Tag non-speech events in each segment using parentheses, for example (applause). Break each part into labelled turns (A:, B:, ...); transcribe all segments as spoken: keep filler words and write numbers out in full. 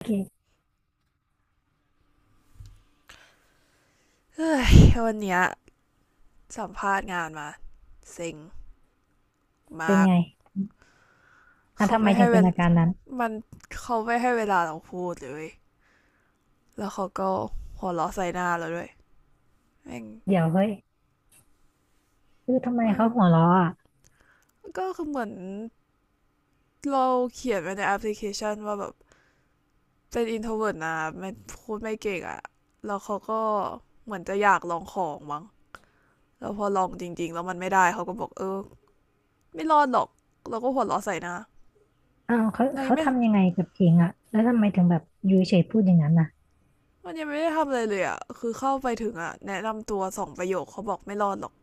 A: โอเค
B: เฮ้ยวันเนี้ยสัมภาษณ์งานมาเซ็ง
A: เป็
B: มา
A: น
B: ก
A: ไงอ่ะ
B: เขา
A: ทำไม
B: ไม่
A: ถึ
B: ให้
A: ง
B: เว
A: เป็น
B: ล
A: อาการนั้น
B: มันเขาไม่ให้เวลาเราพูดเลยแล้วเขาก็หัวเราะใส่หน้าเราด้วยแม่ง
A: เดี๋ยวเฮ้ยคือทำไม
B: มัน
A: เขาหัวเราะอ่ะ
B: ก็คือเหมือนเราเขียนไว้ในแอปพลิเคชันว่าแบบเป็นอินโทรเวิร์ตนะไม่พูดไม่เก่งอะแล้วเขาก็เหมือนจะอยากลองของมั้งแล้วพอลองจริงๆแล้วมันไม่ได้เขาก็บอกเออไม่รอดหรอกเราก็หัวเราะใส่หน้า
A: อ้าวเขา
B: เร
A: เขา
B: ไม่
A: ทำยังไงกับเองอ่ะแล้วทำไมถึงแบบอยู่เฉยๆพูดอย่างนั้นน่ะ
B: มันยังไม่ได้ทำอะไรเลยอ่ะ คือเข้าไปถึงอ่ะแนะนำตัวสองประโยคเขาบอกไม่รอดหรอก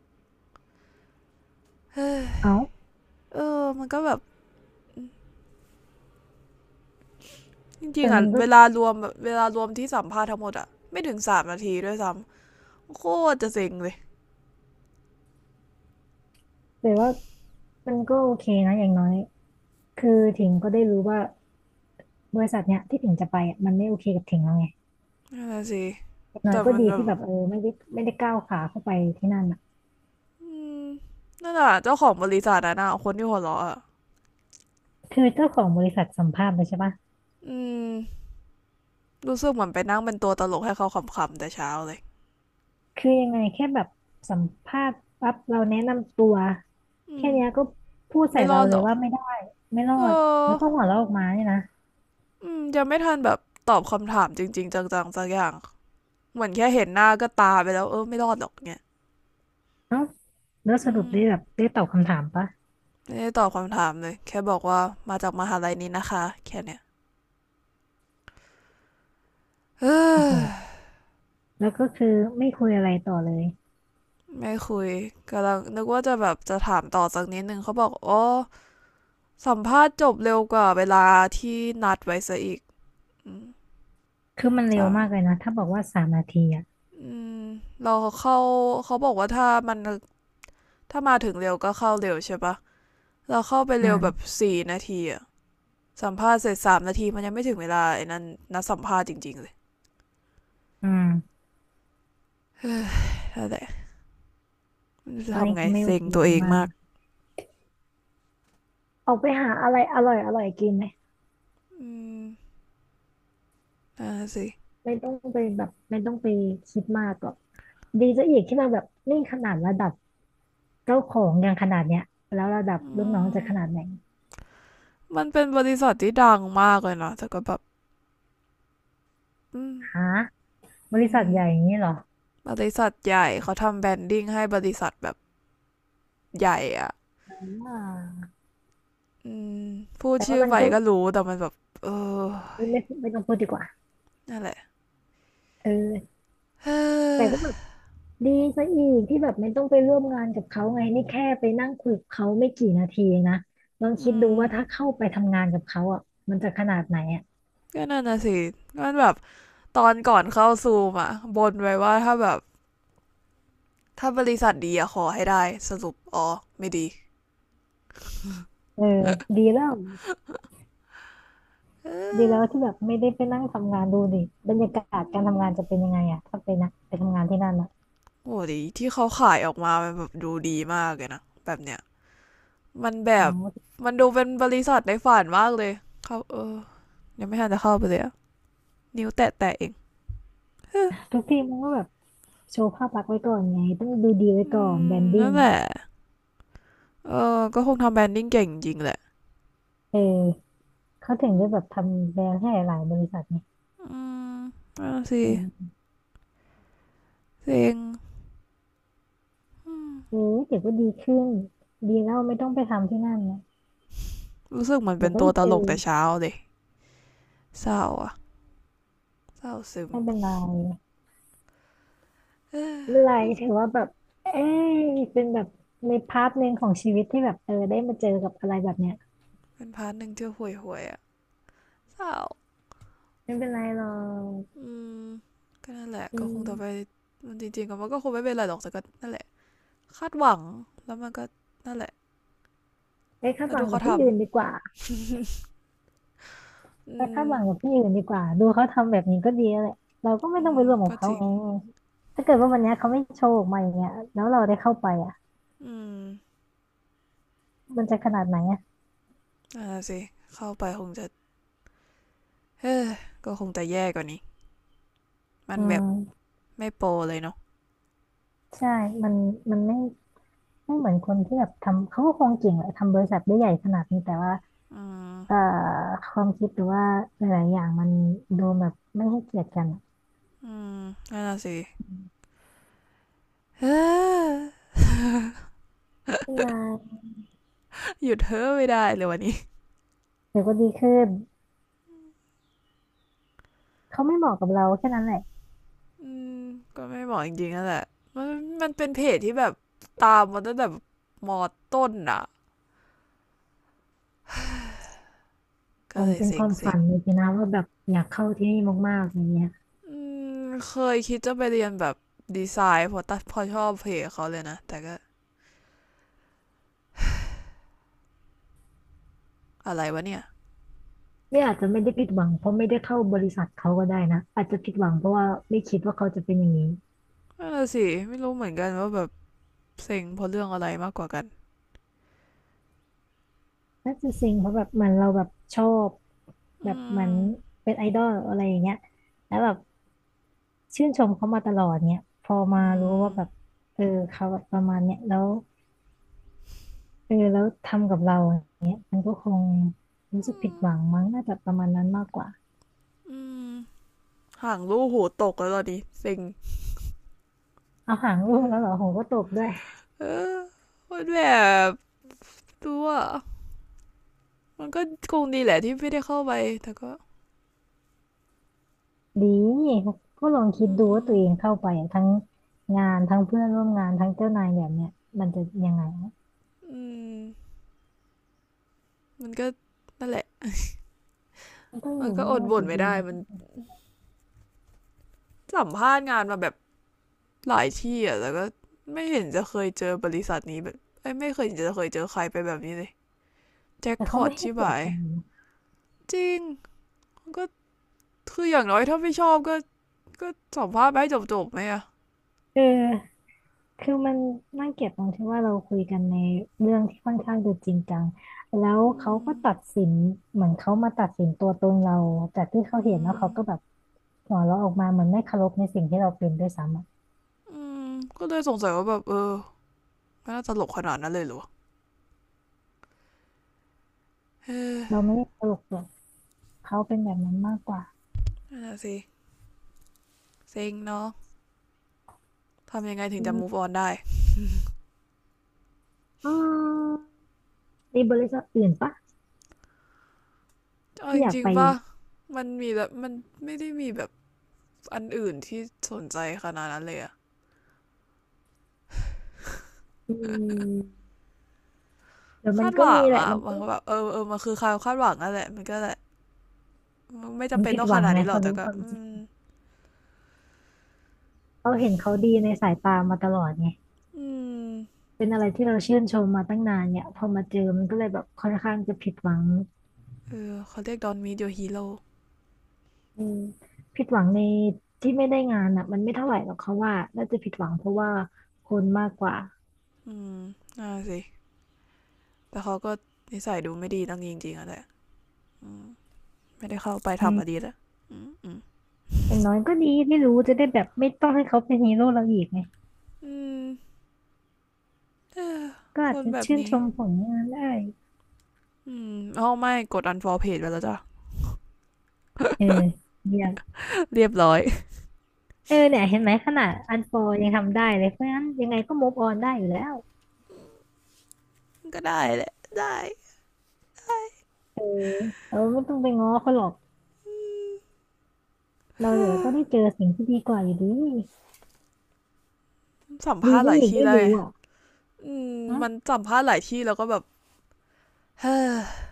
B: (sighs) เฮ้ย
A: เอ้า
B: เออมันก็แบบจริง
A: แต่
B: ๆอ่ะ
A: มันก็
B: เวลารวมแบบเวลารวมที่สัมภาษณ์ทั้งหมดอ่ะไม่ถึงสามนาทีด้วยซ้ำโคตรจะเซ็งเลย
A: แต่ว่ามันก็โอเคนะอย่างน้อยคือถิงก็ได้รู้ว่าบริษัทเนี้ยที่ถิงจะไปอ่ะมันไม่โอเคกับถิงแล้วไง
B: นั่นนะสิ
A: อย่างน้อย
B: แต่
A: ก็
B: มัน
A: ดี
B: แบ
A: ที่
B: บ
A: แบบเออไม่ได้ไม่ได้ก้าวขาเข้าไปที่นั่นอ่ะ
B: อืมนั่นอ่ะเจ้าของบริษัทอะนะคนที่หัวเราะอ่ะ
A: คือเจ้าของบริษัทสัมภาษณ์เลยใช่ปะ
B: อืมรู้สึกเหมือนไปนั่งเป็นตัวตลกให้เขาขำๆแต่เช้าเลย
A: คือยังไงแค่แบบสัมภาษณ์ปั๊บเราแนะนำตัว
B: อื
A: แค่
B: ม
A: เนี้ยก็พูดใส่
B: ไม่ร
A: เรา
B: อด
A: เล
B: หร
A: ย
B: อก
A: ว่าไม่ได้ไม่รอ
B: เอ
A: ดแล้วก็
B: อ
A: หัวเราะออกมาเนี่ยนะ
B: อืมยังไม่ทันแบบตอบคำถามจริงๆจังๆสักอย่าง เหมือนแค่เห็นหน้าก็ตาไปแล้วเออไม่รอดหรอกเนี่ย
A: เอ้าแล้วส
B: อื
A: รุป
B: ม
A: ได้แบบได้ตอบคำถามปะ
B: ไม่ได้ตอบคำถามเลยแค่บอกว่ามาจากมหาลัยนี้นะคะแค่เนี้ย (sighs) เ
A: โอ้โห
B: ออ
A: แล้วก็คือไม่คุยอะไรต่อเลย
B: ไม่คุยกำลังนึกว่าจะแบบจะถามต่อสักนิดนึงเขาบอกอ๋อสัมภาษณ์จบเร็วกว่าเวลาที่นัดไว้ซะอีกอืม
A: คือมันเร็
B: จ้ะ
A: วมากเลยนะถ้าบอกว่าสามนาทีอ่ะ
B: อืมเราเข้าเขาบอกว่าถ้ามันถ้ามาถึงเร็วก็เข้าเร็วใช่ปะเราเข้าไปเร็วแบบ
A: อ่า
B: สี่นาทีอะสัมภาษณ์เสร็จสามนาทีมันยังไม่ถึงเวลาไอ้นั่นนัดสัมภาษณ์จริงๆเลย
A: อืม
B: เออแล้วแต่จะ
A: ตอน
B: ทำ
A: นี้
B: ไง
A: คือไม่โอ
B: เซ็ง
A: เค
B: ตัวเอง
A: มาก
B: มาก
A: ๆออกไปหาอะไรอร่อยอร่อยกินไหม
B: อืมอ่าสิ
A: ไม่ต้องไปแบบไม่ต้องไปคิดมากหรอก ดีซะอีกที่มาแบบนี่ขนาดระดับเจ้าของยังขนาดเนี้ยแล้วระดับ
B: อื
A: ลูกน้อง
B: ม
A: จะขนาดไหน
B: มันเป็นบริษัทที่ดังมากเลยเนาะแต่ก็แบบอืม
A: ฮะบ
B: อื
A: ริษัท
B: ม
A: ใหญ่อย่างนี้เหรอ
B: บริษัทใหญ่เขาทำแบรนดิ้งให้บริษัทแบบใหญ่อ่ะ
A: อ่า
B: อืมพูด
A: แต่
B: ชื่
A: ว่า
B: อ
A: มัน
B: ไป
A: ก็
B: ก็รู้แต่มันแบบเออ
A: ไม่ไม่ไม่ต้องพูดดีกว่า
B: นั่นแหละ
A: เออ
B: เอ้
A: แต่ก็
B: อ
A: แบบดีซะอีกที่แบบไม่ต้องไปร่วมงานกับเขาไงนี่แค่ไปนั่งคุยกับเขาไม่กี่นาทีเองนะลองคิ
B: อื
A: ดดูว่าถ้า
B: ม
A: เข้าไปทำงานกับเขาอ่ะมันจะขนาดไหนอ่ะ
B: ก็นั่นน่ะสิมันแบบตอนก่อนเข้าซูมอ่ะบนไว้ว่าถ้าแบบถ้าบริษัทดีอะขอให้ได้สรุปอ๋อไม่ดี
A: เออดีแล้ว
B: เอ
A: ดี
B: อ
A: แล้วที่แบบไม่ได้ไปนั่งทำงานดูดิบรรยากาศ
B: อื
A: การทำ
B: ม
A: งานจะเป็นยังไงอ่ะถ้าไปนะไปทำงานที่นั่นอ่ะ
B: โอ้ดีที่เขาขายออกมามันแบบดูดีมากเลยนะแบบเนี้ยมันแบ
A: อ๋อ
B: บมันดูเป็นบริษัทในฝันมากเลยเขาเออยังไม่ทันจะเข้าไปเลยนิ้วแตะแตะเอง (laughs) ฮอ
A: ทุกทีมมันก็แบบโชว์ภาพลักษณ์ไว้ก่อนไงต้องดูดีไว้
B: ื
A: ก่อนแบร
B: ม
A: นดิ้
B: นั่
A: ง
B: นแหละเออก็คงทำแบรนดิ้งเก่งจริงแหละ
A: เออเขาถึงจะแบบทำแบรนด์ให้หลายๆบริษัทไง
B: อืมนั่ะสิ
A: อืม
B: เซ็งอืม
A: เออเดี๋ยวก็ดีขึ้นดีแล้วไม่ต้องไปทำที่นั่นนะ
B: รู้สึกเหมือน
A: เดี๋
B: เป็
A: ยว
B: น
A: ก็
B: ตั
A: ได้
B: วต
A: เจอ
B: ลกแต่เช้าเลยเศร้าอะเศร้าซึม
A: ไม่เป็นไร
B: (laughs) เออ
A: ไม่เป็นไรถือว่าแบบเอ้ยเป็นแบบในพาร์ทหนึ่งของชีวิตที่แบบเออได้มาเจอกับอะไรแบบเนี้ย
B: เป็นพาร์ทหนึ่งที่ห่วยห่วยออะเศร้า
A: ไม่เป็นไรหรอก
B: อืมก็นั่นแหละ
A: อื
B: ก็คงจะไป
A: ม
B: มันจริงๆก็มันก็คงไม่เป็นไรหรอกแต่ก็นั่นแหละ คาดหวังแล้วมันก็นั่นแหละ
A: ไปคาด
B: แล้ว
A: หวั
B: ดู
A: งกั
B: เขา
A: บที่
B: ทำ
A: อื่นดีกว่า
B: อื
A: ไปคาดหวังกับ
B: ม
A: ที่อื่นดีกว่าดูเขาทำแบบนี้ก็ดีแล้วแหละเราก็ไม่
B: อื
A: ต้องไป
B: ม
A: ร่วมกับ
B: ก็จ
A: เขา
B: ริง
A: ไงถ้าเกิดว่าวันเนี้ยเขาไม่โชว์ออกมาอย่างเงี้ยแล้วเราได้เข้าไปอ่ะ
B: อืม
A: มันจะขนาดไหนอ่ะ
B: อ่าสิเข้าไปคงจะเฮ้ก็คงจะแย่กว่านี้มัน
A: อื
B: แบบ
A: ม
B: ไม่โปรเลยเนาะ
A: ใช่มันมันไม่ไม่เหมือนคนที่แบบทำเขาก็คงเก่งแหละทำบริษัทได้ใหญ่ขนาดนี้แต่ว่า
B: อื
A: เอ่อ
B: ม
A: ความคิดหรือว่าหลายๆอย่างมันดูแบบไม่ให้เกียรติกันอะ
B: อืมนั่นะสิเฮ้ย
A: ขึ้นมา
B: หยุดเฮ้อไม่ได้เลยวันนี้
A: เดี๋ยวก็ดีขึ้นเขาไม่เหมาะกับเราแค่นั้นแหละ
B: อืมก็ไม่เหมาะจริงๆนั่นแหละมันมันเป็นเพจที่แบบตามมาตั้งแต่แบบมอต้นอ่ะ
A: ผ
B: ก็เล
A: ม
B: ย
A: เป็น
B: เซ็
A: ค
B: ง
A: วาม
B: เซ็
A: ฝั
B: ง
A: นเลยนะว่าแบบอยากเข้าที่นี่มากๆอย่างเงี้ย
B: อืมเคยคิดจะไปเรียนแบบดีไซน์พอตัดพอชอบเพจเขาเลยนะแต่ก็ อะไรวะเนี่ย
A: เนี่ยอาจจะไม่ได้ผิดหวังเพราะไม่ได้เข้าบริษัทเขาก็ได้นะอาจจะผิดหวังเพราะว่าไม่คิดว่าเขาจะเป็นอย่างนี้
B: นั่นนะสิ ไม่รู้เหมือนกันว่าแบบเซ็งเพราะเรื่องอะไรมากกว่ากัน
A: น่าจะเซ็งเพราะแบบเหมันเราแบบชอบแบ
B: อื
A: บเหมั
B: ม
A: นเป็นไอดอลอะไรอย่างเงี้ยแล้วแบบชื่นชมเขามาตลอดเนี่ยพอมารู้ว่าแบบเออเขาแบบประมาณเนี้ยแล้วเออแล้วทำกับเราอย่างเงี้ยมันก็คงรู้สึกผิดหวังมั้งน่าจะประมาณนั้นมากกว่า
B: อืมห่างรู้หูตกแล้วตอนนี้เซ็ง
A: เอาหางลูกแล้วเหรอโหก็ตบด้วย
B: เออมันแบบตัวมันก็คงดีแหละที่ไม่ได้เข้าไปแต่ก็
A: ดีก็ลอง
B: อื
A: คิด
B: ม
A: ดู
B: อื
A: ว่า
B: ม
A: ตัวเองเข้าไปอะทั้งงานทั้งเพื่อนร่วมงานทั้งเจ้านายแบบเนี้ยมันจะยังไงวะ
B: มันก็นั่นแหละ
A: มันต้องอ
B: มัน
A: ยู่
B: ก็
A: ไม่
B: อ
A: ร
B: ด
A: อดอ
B: บ่น
A: ยู่
B: ไม่
A: ดี
B: ได้มันสัมภาษณ์งานมาแบบหลายที่อ่ะแต่ก็ไม่เห็นจะเคยเจอบริษัทนี้แบบไม่เคยจะเคยเจอใครไปแบบนี้เลยแจ็ค
A: แต่
B: พ
A: เขา
B: อต
A: ไม่ให้
B: ชิบ
A: เกียร
B: หา
A: ติ
B: ย
A: กันนะ
B: จริงมันก็ คืออย่างน้อยถ้าไม่ชอบก็ก็สัมภาษณ์ไปให้จบๆไหมอะ
A: เออคือมันน่าเกลียดตรงที่ว่าเราคุยกันในเรื่องที่ค่อนข้างจะจริงจังแล้ว
B: อื
A: เขาก็
B: ม
A: ตัดสินเหมือนเขามาตัดสินตัวตนเราจากที่เขา
B: อื
A: เห็นแล้ว
B: ม
A: เขาก็แบบหัวเราะออกมาเหมือนไม่เคารพในสิ่งที่เราเป็นด้วยซ้ำอะ
B: อืมก็เลยสงสัยว่าแบบเออไมันน่าตลกขนาดนั้นเลยหรอ
A: เราไม่ได้เคารพหรอกเขาเป็นแบบนั้นมากกว่า
B: น่ะสิเซ็งเนาะทำยังไงถึง
A: อื
B: จะ move
A: ม
B: on ได้
A: อืมมีบริษัทอื่นปะ
B: เอา
A: ถ้า
B: จ
A: อยาก
B: ริง
A: ไป
B: ๆป่ะมันมีแบบมันไม่ได้มีแบบอันอื่นที่สนใจขนาดนั้นเลยอะ
A: อืมเดี๋ยวมั
B: คา
A: น
B: ดห
A: ก็
B: วั
A: มี
B: ง
A: แหละ
B: อะ
A: มัน
B: มัน
A: ก็
B: ก็แบบเออเออมันคือความคาดหวังนั่นแหละมันก็แหละัไม่
A: มั
B: จำ
A: น
B: เป็น
A: ผิด
B: ต้อง
A: ห
B: ข
A: วัง
B: นาด
A: ไง
B: นี้หรอ
A: เขา
B: กแต่
A: รู้
B: ก็
A: ความ
B: อื
A: จริง
B: ม
A: เราเห็นเขาดีในสายตามาตลอดไง
B: อืม
A: เป็นอะไรที่เราชื่นชมมาตั้งนานเนี่ยพอมาเจอมันก็เลยแบบค่อนข้างจะผิดหวัง
B: เออเขาเรียกดอนมีเดียฮีโร่
A: อืมผิดหวังในที่ไม่ได้งานอ่ะมันไม่เท่าไหร่หรอกเขาว่าน่าจะผิดหวังเพราะว่าคนมากกว่า
B: อืมน่าสิ แต่เขาก็นิสัยดูไม่ดีตั้งจริงๆอะแหละไม่ได้เข้าไป
A: อืม
B: ทำอดีตอะอืมอืม
A: อย่างน้อยก็ดีไม่รู้จะได้แบบไม่ต้องให้เขาเป็นฮีโร่เราอีกไง
B: อืม
A: ก็
B: ค
A: อาจ
B: น
A: จะ
B: แบบ
A: ชื่นช
B: นี้
A: มผลงานได้
B: อืมเอาไม่กด อันฟอลโลว์ เพจ ไปแล้วจ้ะ
A: เออเยี่ยม
B: เรียบร้อย
A: เออเนี่ยเห็นไหมขนาดอันฟอยังทำได้เลยเพราะงั้นยังไงก็มูฟออนได้อยู่แล้ว
B: ก็ได้แหละได้
A: เออเราไม่ต้องไปง้อเขาหรอกเราเดี๋ยวก็ได้เจอสิ่งที่ดีกว่าอยู่ดี
B: สัม
A: ดี
B: ภาษณ์ห
A: ซะ
B: ลาย
A: อีก
B: ที่
A: ได้
B: แล้วไง
A: รู้อ่ะ
B: อืม
A: ฮะ
B: มันสัมภาษณ์หลายที่แล้วก็แบบเฮ้อ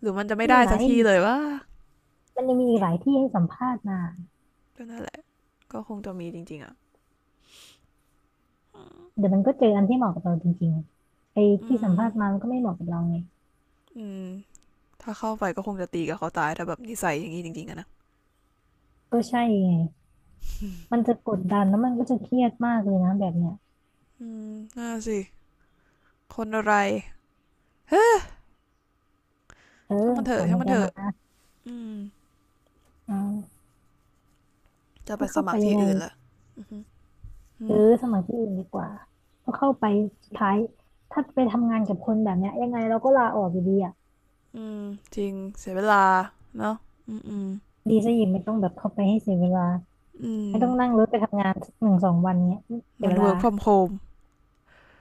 B: หรือมันจะไม่
A: ไม่
B: ได้
A: เป็นไร
B: สักทีเลยวะ
A: มันยังมีอีก
B: เนี่
A: ห
B: ย
A: ลายที่ให้สัมภาษณ์มา
B: ก็นั่นแหละก็คงจะมีจริงๆอะ
A: เดี๋ยวมันก็เจออันที่เหมาะกับเราจริงๆไอ้
B: อื
A: ที่สัม
B: ม
A: ภาษณ์มามันก็ไม่เหมาะกับเราไง
B: อืมถ้าเข้าไปก็คงจะตีกับเขาตายถ้าแบบนิสัยอย่างนี้จริงๆอะนะ
A: ก็ใช่ไงมันจะกดดันแล้วมันก็จะเครียดมากเลยนะแบบเนี้ย
B: อืมน่าสิคนอะไรเฮ้
A: เออ
B: ช่างมันเถ
A: ถ
B: อะ
A: อน
B: ช่า
A: หา
B: ง
A: ย
B: มัน
A: ใจ
B: เถอะ
A: มา
B: อืม
A: อ่า
B: จะไป
A: ถ้า
B: ส
A: เข้าไป
B: มัคร
A: ยั
B: ที่
A: งไง
B: อื่นละหื
A: เออ
B: ม
A: สมัครที่อื่นดีกว่าเพราะเข้าไปสุดท้ายถ้าไปทำงานกับคนแบบเนี้ยยังไงเราก็ลาออกอยู่ดีอ่ะ
B: อืมจริงเสียเวลาเนาะอืมอืม
A: ดีซะอีกไม่ต้องแบบเข้าไปให้เสียเวลา
B: อื
A: ไม่
B: ม
A: ต้องนั่งรถไปทำงานสักหนึ่งสองวันเนี้ยเสีย
B: มัน
A: เวลา
B: เวิร์กฟอร์มโฮม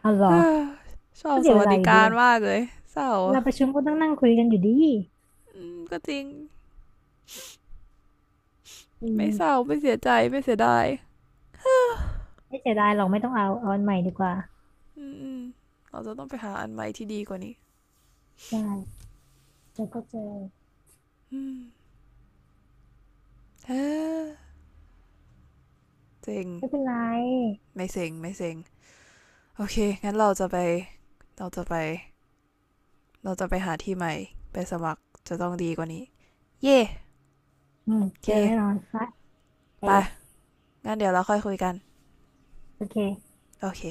A: เอาเหรอ
B: (sighs) ชอ
A: ก็
B: บ
A: เสี
B: ส
A: ยเว
B: วัส
A: ลา
B: ดิ
A: อยู่ดี
B: การมากเลยเศร้า
A: เว
B: อ
A: ลาประชุมก็ต้องนั่งคุยกันอยู่ดี
B: อืมก็จริง
A: อื
B: ไม่
A: ม
B: เศร้าไม่เสียใจไม่เสียดาย
A: ไม่เสียดายหรอกไม่ต้องเอาเอาอันใหม่ดีกว่า
B: อืมอืมเราจะต้องไปหาอันใหม่ที่ดีกว่านี้
A: ได้แล้วก็เจอ
B: อืมเฮ้อเซ็ง
A: ไม่เป็นไร
B: ไม่เซ็งไม่เซ็งโอเคงั้นเราจะไปเราจะไปเราจะไปหาที่ใหม่ไปสมัครจะต้องดีกว่านี้เย่
A: อืม
B: โอเค
A: เจอแน่นอนนะเออ
B: ไปงั้นเดี๋ยวเราค่อยคุยกัน
A: โอเค
B: โอเค